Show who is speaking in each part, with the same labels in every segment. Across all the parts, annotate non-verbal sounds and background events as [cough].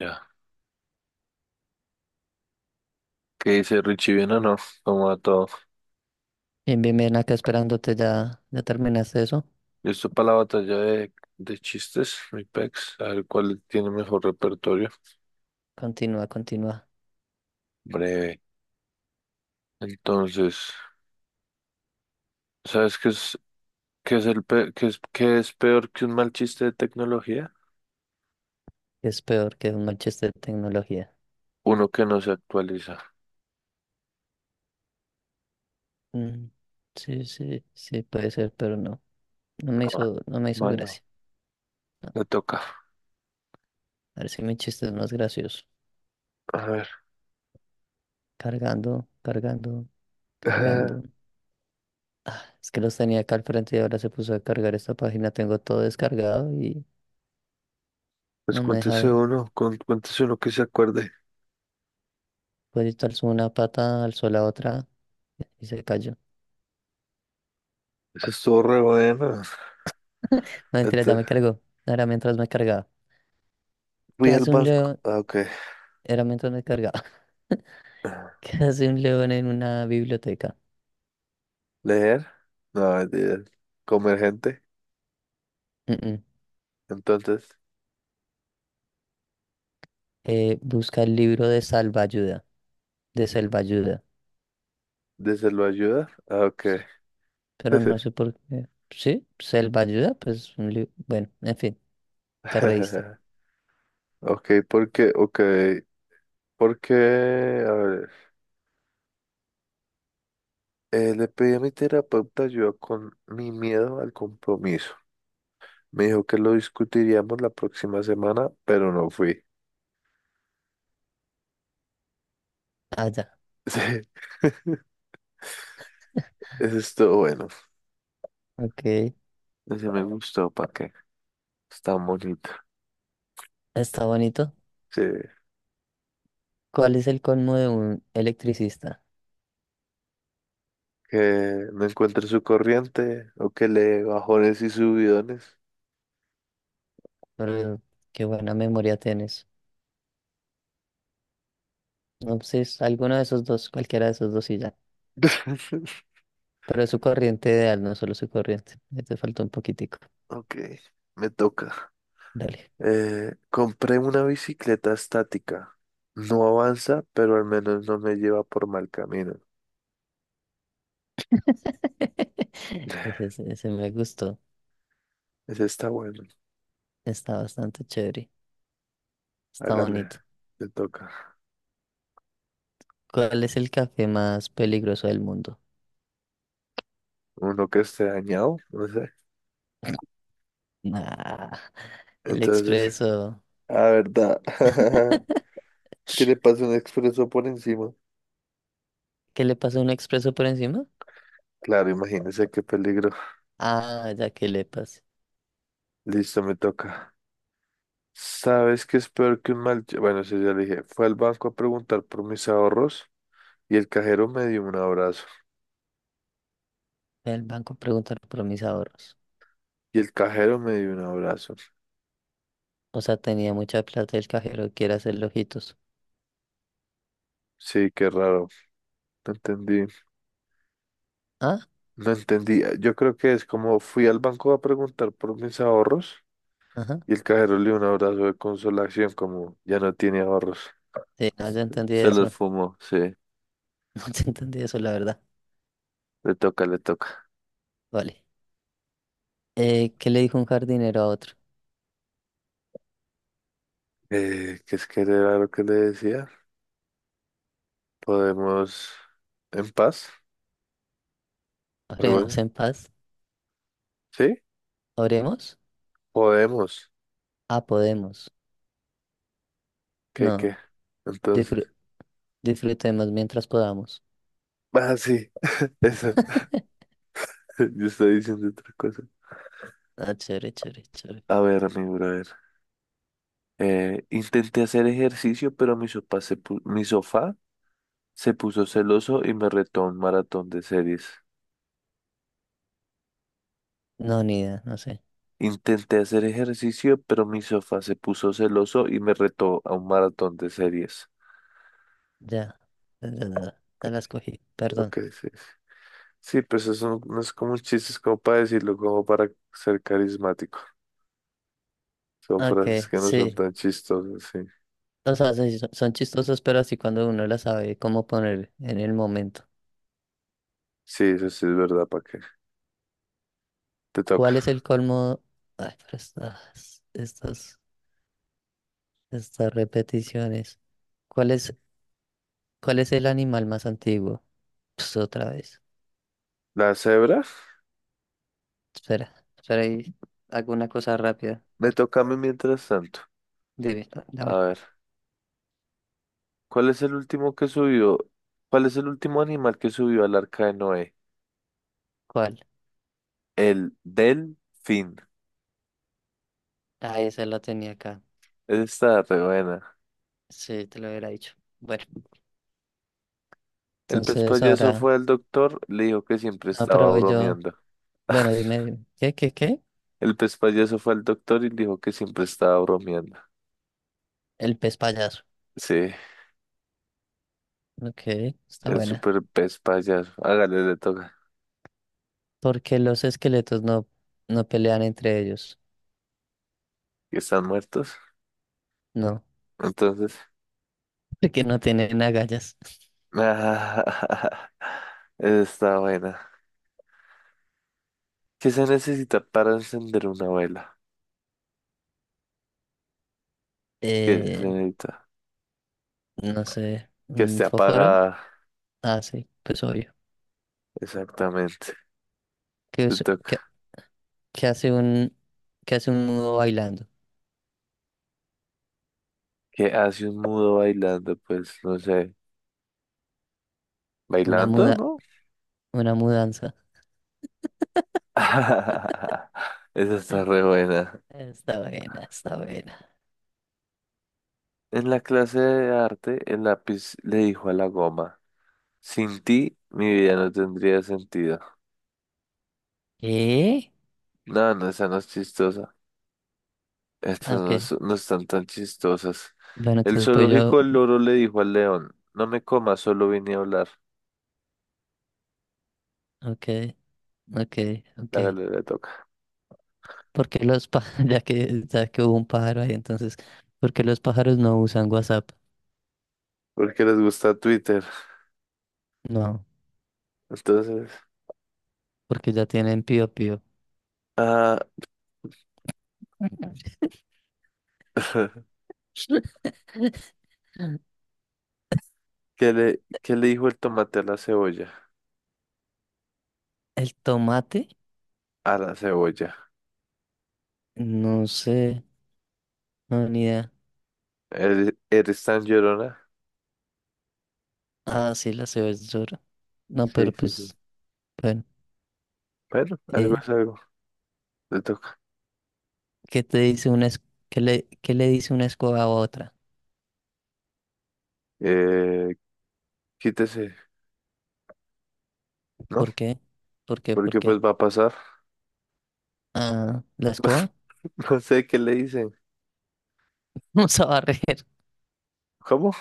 Speaker 1: Ya, ¿qué dice Richie? ¿Bien o no? ¿Cómo va todo?
Speaker 2: Bien, bien, bien, acá esperándote, ya, ya terminaste eso.
Speaker 1: ¿Listo para la batalla de chistes, mi pex? A ver cuál tiene mejor repertorio.
Speaker 2: Continúa, continúa.
Speaker 1: Breve. Entonces, ¿sabes qué es, el pe- qué es, ¿qué es peor que un mal chiste de tecnología?
Speaker 2: Es peor que un Manchester tecnología.
Speaker 1: Uno que no se actualiza.
Speaker 2: Mm, sí, sí, sí, puede ser, pero no. No me
Speaker 1: Ah,
Speaker 2: hizo, no me hizo
Speaker 1: malo,
Speaker 2: gracia.
Speaker 1: le toca.
Speaker 2: A ver si mi chiste es más gracioso.
Speaker 1: A ver.
Speaker 2: Cargando, cargando, cargando.
Speaker 1: [laughs]
Speaker 2: Es que los tenía acá al frente y ahora se puso a cargar esta página. Tengo todo descargado y
Speaker 1: Pues
Speaker 2: no me deja ver.
Speaker 1: cuéntese uno que se acuerde.
Speaker 2: Pues alzó una pata, alzó la otra y se cayó.
Speaker 1: Eso estuvo re bueno.
Speaker 2: No, mentira, ya
Speaker 1: Ent-
Speaker 2: me cargó. Era mientras me cargaba. ¿Qué
Speaker 1: Fui al
Speaker 2: hace un
Speaker 1: banco.
Speaker 2: león?
Speaker 1: Ah, ok.
Speaker 2: Era mientras me cargaba. [laughs]
Speaker 1: Ah,
Speaker 2: ¿Qué hace un león en una biblioteca?
Speaker 1: leer. No, mentira. Comer gente.
Speaker 2: Mm, mm.
Speaker 1: Entonces,
Speaker 2: Busca el libro de salvaayuda, de selvaayuda.
Speaker 1: ¿desde lo ayuda? Ah, ok.
Speaker 2: Sí, pero no sé por qué. ¿Sí? ¿Selvaayuda? Pues un libro. Bueno, en fin, te reíste.
Speaker 1: [laughs] Ok, porque, a ver, le pedí a mi terapeuta ayuda con mi miedo al compromiso. Me dijo que lo discutiríamos la próxima semana, pero no fui. [laughs]
Speaker 2: Ah, ya.
Speaker 1: Sí, eso estuvo bueno.
Speaker 2: Ok.
Speaker 1: Ese me gustó, ¿para qué? Está bonito.
Speaker 2: Está bonito.
Speaker 1: Sí,
Speaker 2: ¿Cuál es el colmo de un electricista?
Speaker 1: que no encuentre su corriente o que le dé bajones y subidones.
Speaker 2: Pero qué buena memoria tienes. No, pues es alguno de esos dos, cualquiera de esos dos y ya.
Speaker 1: [laughs]
Speaker 2: Pero es su corriente ideal, no solo su corriente. Ya te faltó un poquitico.
Speaker 1: Ok, me toca.
Speaker 2: Dale.
Speaker 1: Compré una bicicleta estática. No avanza, pero al menos no me lleva por mal camino.
Speaker 2: [laughs] Ese,
Speaker 1: [sighs]
Speaker 2: ese ese me gustó.
Speaker 1: Ese está bueno.
Speaker 2: Está bastante chévere. Está
Speaker 1: Hágale,
Speaker 2: bonito.
Speaker 1: le toca.
Speaker 2: ¿Cuál es el café más peligroso del mundo?
Speaker 1: Uno que esté dañado, no sé.
Speaker 2: Ah, el
Speaker 1: Entonces,
Speaker 2: expreso.
Speaker 1: a verdad. [laughs] ¿Qué le pasa un expreso por encima?
Speaker 2: ¿Qué le pasa a un expreso por encima?
Speaker 1: Claro, imagínese qué peligro.
Speaker 2: Ah, ya que le pasa.
Speaker 1: Listo, me toca. ¿Sabes qué es peor que un mal... ch- Bueno, eso ya le dije. Fue al banco a preguntar por mis ahorros y el cajero me dio un abrazo.
Speaker 2: El banco pregunta por mis ahorros.
Speaker 1: Y el cajero me dio un abrazo.
Speaker 2: O sea, tenía mucha plata y el cajero quiere hacerle ojitos.
Speaker 1: Sí, qué raro. No entendí,
Speaker 2: Ah,
Speaker 1: no entendí. Ah, yo creo que es como fui al banco a preguntar por mis ahorros
Speaker 2: ajá.
Speaker 1: y el cajero le dio un abrazo de consolación como ya no tiene ahorros.
Speaker 2: Sí, no, ya entendí
Speaker 1: Se los
Speaker 2: eso. [laughs]
Speaker 1: fumó, sí.
Speaker 2: No, ya entendí eso, la verdad.
Speaker 1: Le toca, le toca.
Speaker 2: Vale. ¿Qué le dijo un jardinero a otro?
Speaker 1: ¿Qué es que era lo que le decía? Podemos en paz, algo así.
Speaker 2: ¿Oremos en paz?
Speaker 1: ¿Sí?
Speaker 2: ¿Oremos?
Speaker 1: Podemos.
Speaker 2: Ah, podemos.
Speaker 1: ¿Qué,
Speaker 2: No,
Speaker 1: qué?
Speaker 2: disfru-
Speaker 1: Entonces.
Speaker 2: disfrutemos mientras podamos.
Speaker 1: Ah, sí. [laughs] Eso.
Speaker 2: [laughs]
Speaker 1: [laughs] Yo estoy diciendo otra cosa.
Speaker 2: Ah, chévere, chévere, chévere.
Speaker 1: A ver, mi brother. Intenté hacer ejercicio, pero mi sopa se pu- mi sofá se puso celoso y me retó a un maratón de series.
Speaker 2: No, ni idea, no sé.
Speaker 1: Intenté hacer ejercicio, pero mi sofá se puso celoso y me retó a un maratón de series.
Speaker 2: Ya, ya, ya, ya ya las cogí, perdón.
Speaker 1: Ok, sí. Sí, pues eso no, no es como un chiste, es como para decirlo, como para ser carismático. Son frases
Speaker 2: Ok,
Speaker 1: que no son
Speaker 2: sí.
Speaker 1: tan chistosas, sí.
Speaker 2: O sea, sí, son chistosos, pero así cuando uno las sabe cómo poner en el momento.
Speaker 1: Sí, eso sí es verdad, ¿para qué? Te toca.
Speaker 2: ¿Cuál es el colmo? Ay, pero estas repeticiones. ¿Cuál es, cuál es el animal más antiguo? Pues otra vez.
Speaker 1: ¿La cebra?
Speaker 2: Espera, espera ahí. Hago una cosa rápida.
Speaker 1: Me toca a mí mientras tanto.
Speaker 2: Dime, a
Speaker 1: A
Speaker 2: ver,
Speaker 1: ver, ¿cuál es el último que subió? ¿Cuál es el último animal que subió al arca de Noé?
Speaker 2: ¿cuál?
Speaker 1: El delfín.
Speaker 2: Ah, esa la tenía acá.
Speaker 1: Esa está re buena.
Speaker 2: Sí, te lo hubiera dicho. Bueno.
Speaker 1: El pez
Speaker 2: Entonces
Speaker 1: payaso
Speaker 2: ahora,
Speaker 1: fue al doctor, le dijo que siempre estaba
Speaker 2: aprovecho
Speaker 1: bromeando.
Speaker 2: bueno,
Speaker 1: [laughs]
Speaker 2: dime, dime, ¿qué?
Speaker 1: El pez payaso fue al doctor y le dijo que siempre estaba bromeando.
Speaker 2: El pez payaso.
Speaker 1: Sí,
Speaker 2: Ok, está
Speaker 1: el
Speaker 2: buena.
Speaker 1: super pez payaso. Hágale, le toca.
Speaker 2: Porque los esqueletos no, no pelean entre ellos.
Speaker 1: Que están muertos.
Speaker 2: No,
Speaker 1: Entonces.
Speaker 2: [laughs] porque no tienen agallas.
Speaker 1: [laughs] esa está buena. ¿Qué se necesita para encender una vela? ¿Qué se
Speaker 2: Eh,
Speaker 1: necesita?
Speaker 2: no sé,
Speaker 1: Que
Speaker 2: ¿un
Speaker 1: esté
Speaker 2: fósforo?
Speaker 1: apagada.
Speaker 2: Ah, sí, pues obvio.
Speaker 1: Exactamente.
Speaker 2: ¿Qué,
Speaker 1: Te
Speaker 2: es-
Speaker 1: toca.
Speaker 2: qué- qué hace un, qué hace un mudo bailando?
Speaker 1: ¿Qué hace un mudo bailando? Pues no sé.
Speaker 2: Una
Speaker 1: ¿Bailando,
Speaker 2: muda,
Speaker 1: no?
Speaker 2: una mudanza.
Speaker 1: [laughs] Esa está
Speaker 2: [laughs]
Speaker 1: re buena.
Speaker 2: Está buena, está buena.
Speaker 1: En la clase de arte, el lápiz le dijo a la goma, sin ti mi vida no tendría sentido.
Speaker 2: ¿Qué?
Speaker 1: No, no, esa no es chistosa. Estas no,
Speaker 2: Ok.
Speaker 1: es- no están tan chistosas.
Speaker 2: Bueno,
Speaker 1: El
Speaker 2: entonces voy yo.
Speaker 1: zoológico del loro le dijo al león, no me comas, solo vine a hablar.
Speaker 2: Ok, ok, ok.
Speaker 1: La galera le toca.
Speaker 2: Porque los pájaros, [laughs] ya que hubo un pájaro ahí, entonces, ¿por qué los pájaros no usan WhatsApp?
Speaker 1: Porque les gusta Twitter.
Speaker 2: No,
Speaker 1: Entonces,
Speaker 2: porque ya tienen pío pío.
Speaker 1: ah,
Speaker 2: [laughs]
Speaker 1: [laughs] ¿qué le dijo el tomate a la cebolla?
Speaker 2: El tomate,
Speaker 1: A la cebolla.
Speaker 2: no sé, no, ni idea.
Speaker 1: ¿Eres tan llorona?
Speaker 2: Ah, sí, la cebolla. No,
Speaker 1: Sí,
Speaker 2: pero
Speaker 1: sí, sí,
Speaker 2: pues, bueno.
Speaker 1: pero algo
Speaker 2: eh,
Speaker 1: es algo, le toca.
Speaker 2: ¿qué te dice una es- ¿Qué le dice una escoba a otra?
Speaker 1: Eh, quítese, ¿no?
Speaker 2: ¿Por qué? ¿Por qué? ¿Por
Speaker 1: Porque pues
Speaker 2: qué?
Speaker 1: va a pasar.
Speaker 2: Ah, ¿la
Speaker 1: [laughs]
Speaker 2: escoba?
Speaker 1: No sé qué le dicen.
Speaker 2: [laughs] Vamos a barrer,
Speaker 1: ¿Cómo?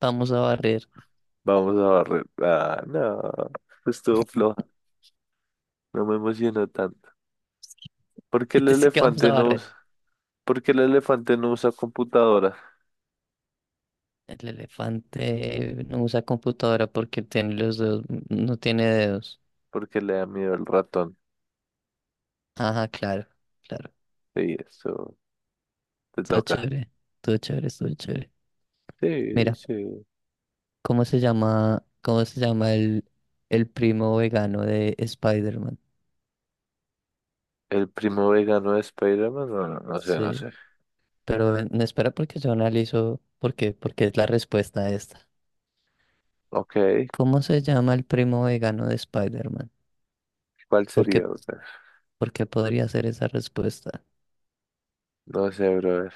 Speaker 2: vamos a barrer.
Speaker 1: Vamos a barrer. Ah, no, pues estuvo floja, no me emocionó tanto.
Speaker 2: [laughs]
Speaker 1: ¿Por qué
Speaker 2: Y
Speaker 1: el
Speaker 2: te sí que vamos a
Speaker 1: elefante no
Speaker 2: barrer.
Speaker 1: usa? ¿Por qué el elefante no usa computadora?
Speaker 2: El elefante no usa computadora porque tiene los dedos, no tiene dedos.
Speaker 1: Porque le da miedo el ratón.
Speaker 2: Ajá, claro, claro.
Speaker 1: Sí, eso te
Speaker 2: Todo
Speaker 1: toca.
Speaker 2: chévere, todo chévere, todo chévere.
Speaker 1: Sí,
Speaker 2: Mira,
Speaker 1: sí.
Speaker 2: ¿cómo se llama el primo vegano de Spider-Man?
Speaker 1: ¿El primo vegano de Spider-Man? No, no, no sé, no
Speaker 2: Sí,
Speaker 1: sé.
Speaker 2: pero ven, no espera porque yo analizo por qué, porque es la respuesta a esta.
Speaker 1: Ok,
Speaker 2: ¿Cómo se llama el primo vegano de Spider-Man?
Speaker 1: ¿cuál
Speaker 2: ¿Por
Speaker 1: sería,
Speaker 2: qué,
Speaker 1: brother?
Speaker 2: por qué podría ser esa respuesta?
Speaker 1: No sé, brother.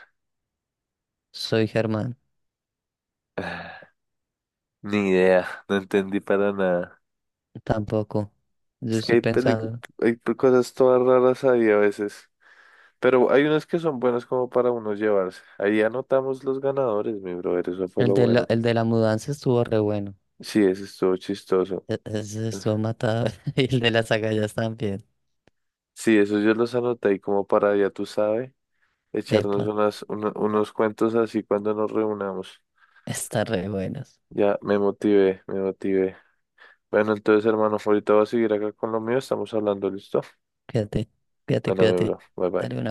Speaker 2: Soy Germán.
Speaker 1: [sighs] Ni idea, no entendí para nada.
Speaker 2: Tampoco. Yo
Speaker 1: Es que
Speaker 2: estoy
Speaker 1: hay pelicu-
Speaker 2: pensando.
Speaker 1: hay pe- cosas todas raras ahí a veces. Pero hay unas que son buenas como para uno llevarse. Ahí anotamos los ganadores, mi brother, eso fue
Speaker 2: El
Speaker 1: lo
Speaker 2: de
Speaker 1: bueno.
Speaker 2: la, el de la mudanza estuvo re bueno.
Speaker 1: Sí, eso estuvo chistoso.
Speaker 2: Ese estuvo matado. [laughs] Y el de las agallas también.
Speaker 1: Sí, eso yo los anoté ahí como para, ya tú sabes, echarnos
Speaker 2: Epa,
Speaker 1: unos cuentos así cuando nos reunamos.
Speaker 2: están re buenos.
Speaker 1: Ya me motivé, me motivé. Bueno, entonces, hermano, ahorita voy a seguir acá con lo mío. Estamos hablando, ¿listo?
Speaker 2: Cuídate, cuídate,
Speaker 1: Bueno, mi
Speaker 2: cuídate.
Speaker 1: bro, bye
Speaker 2: Dale
Speaker 1: bye.
Speaker 2: una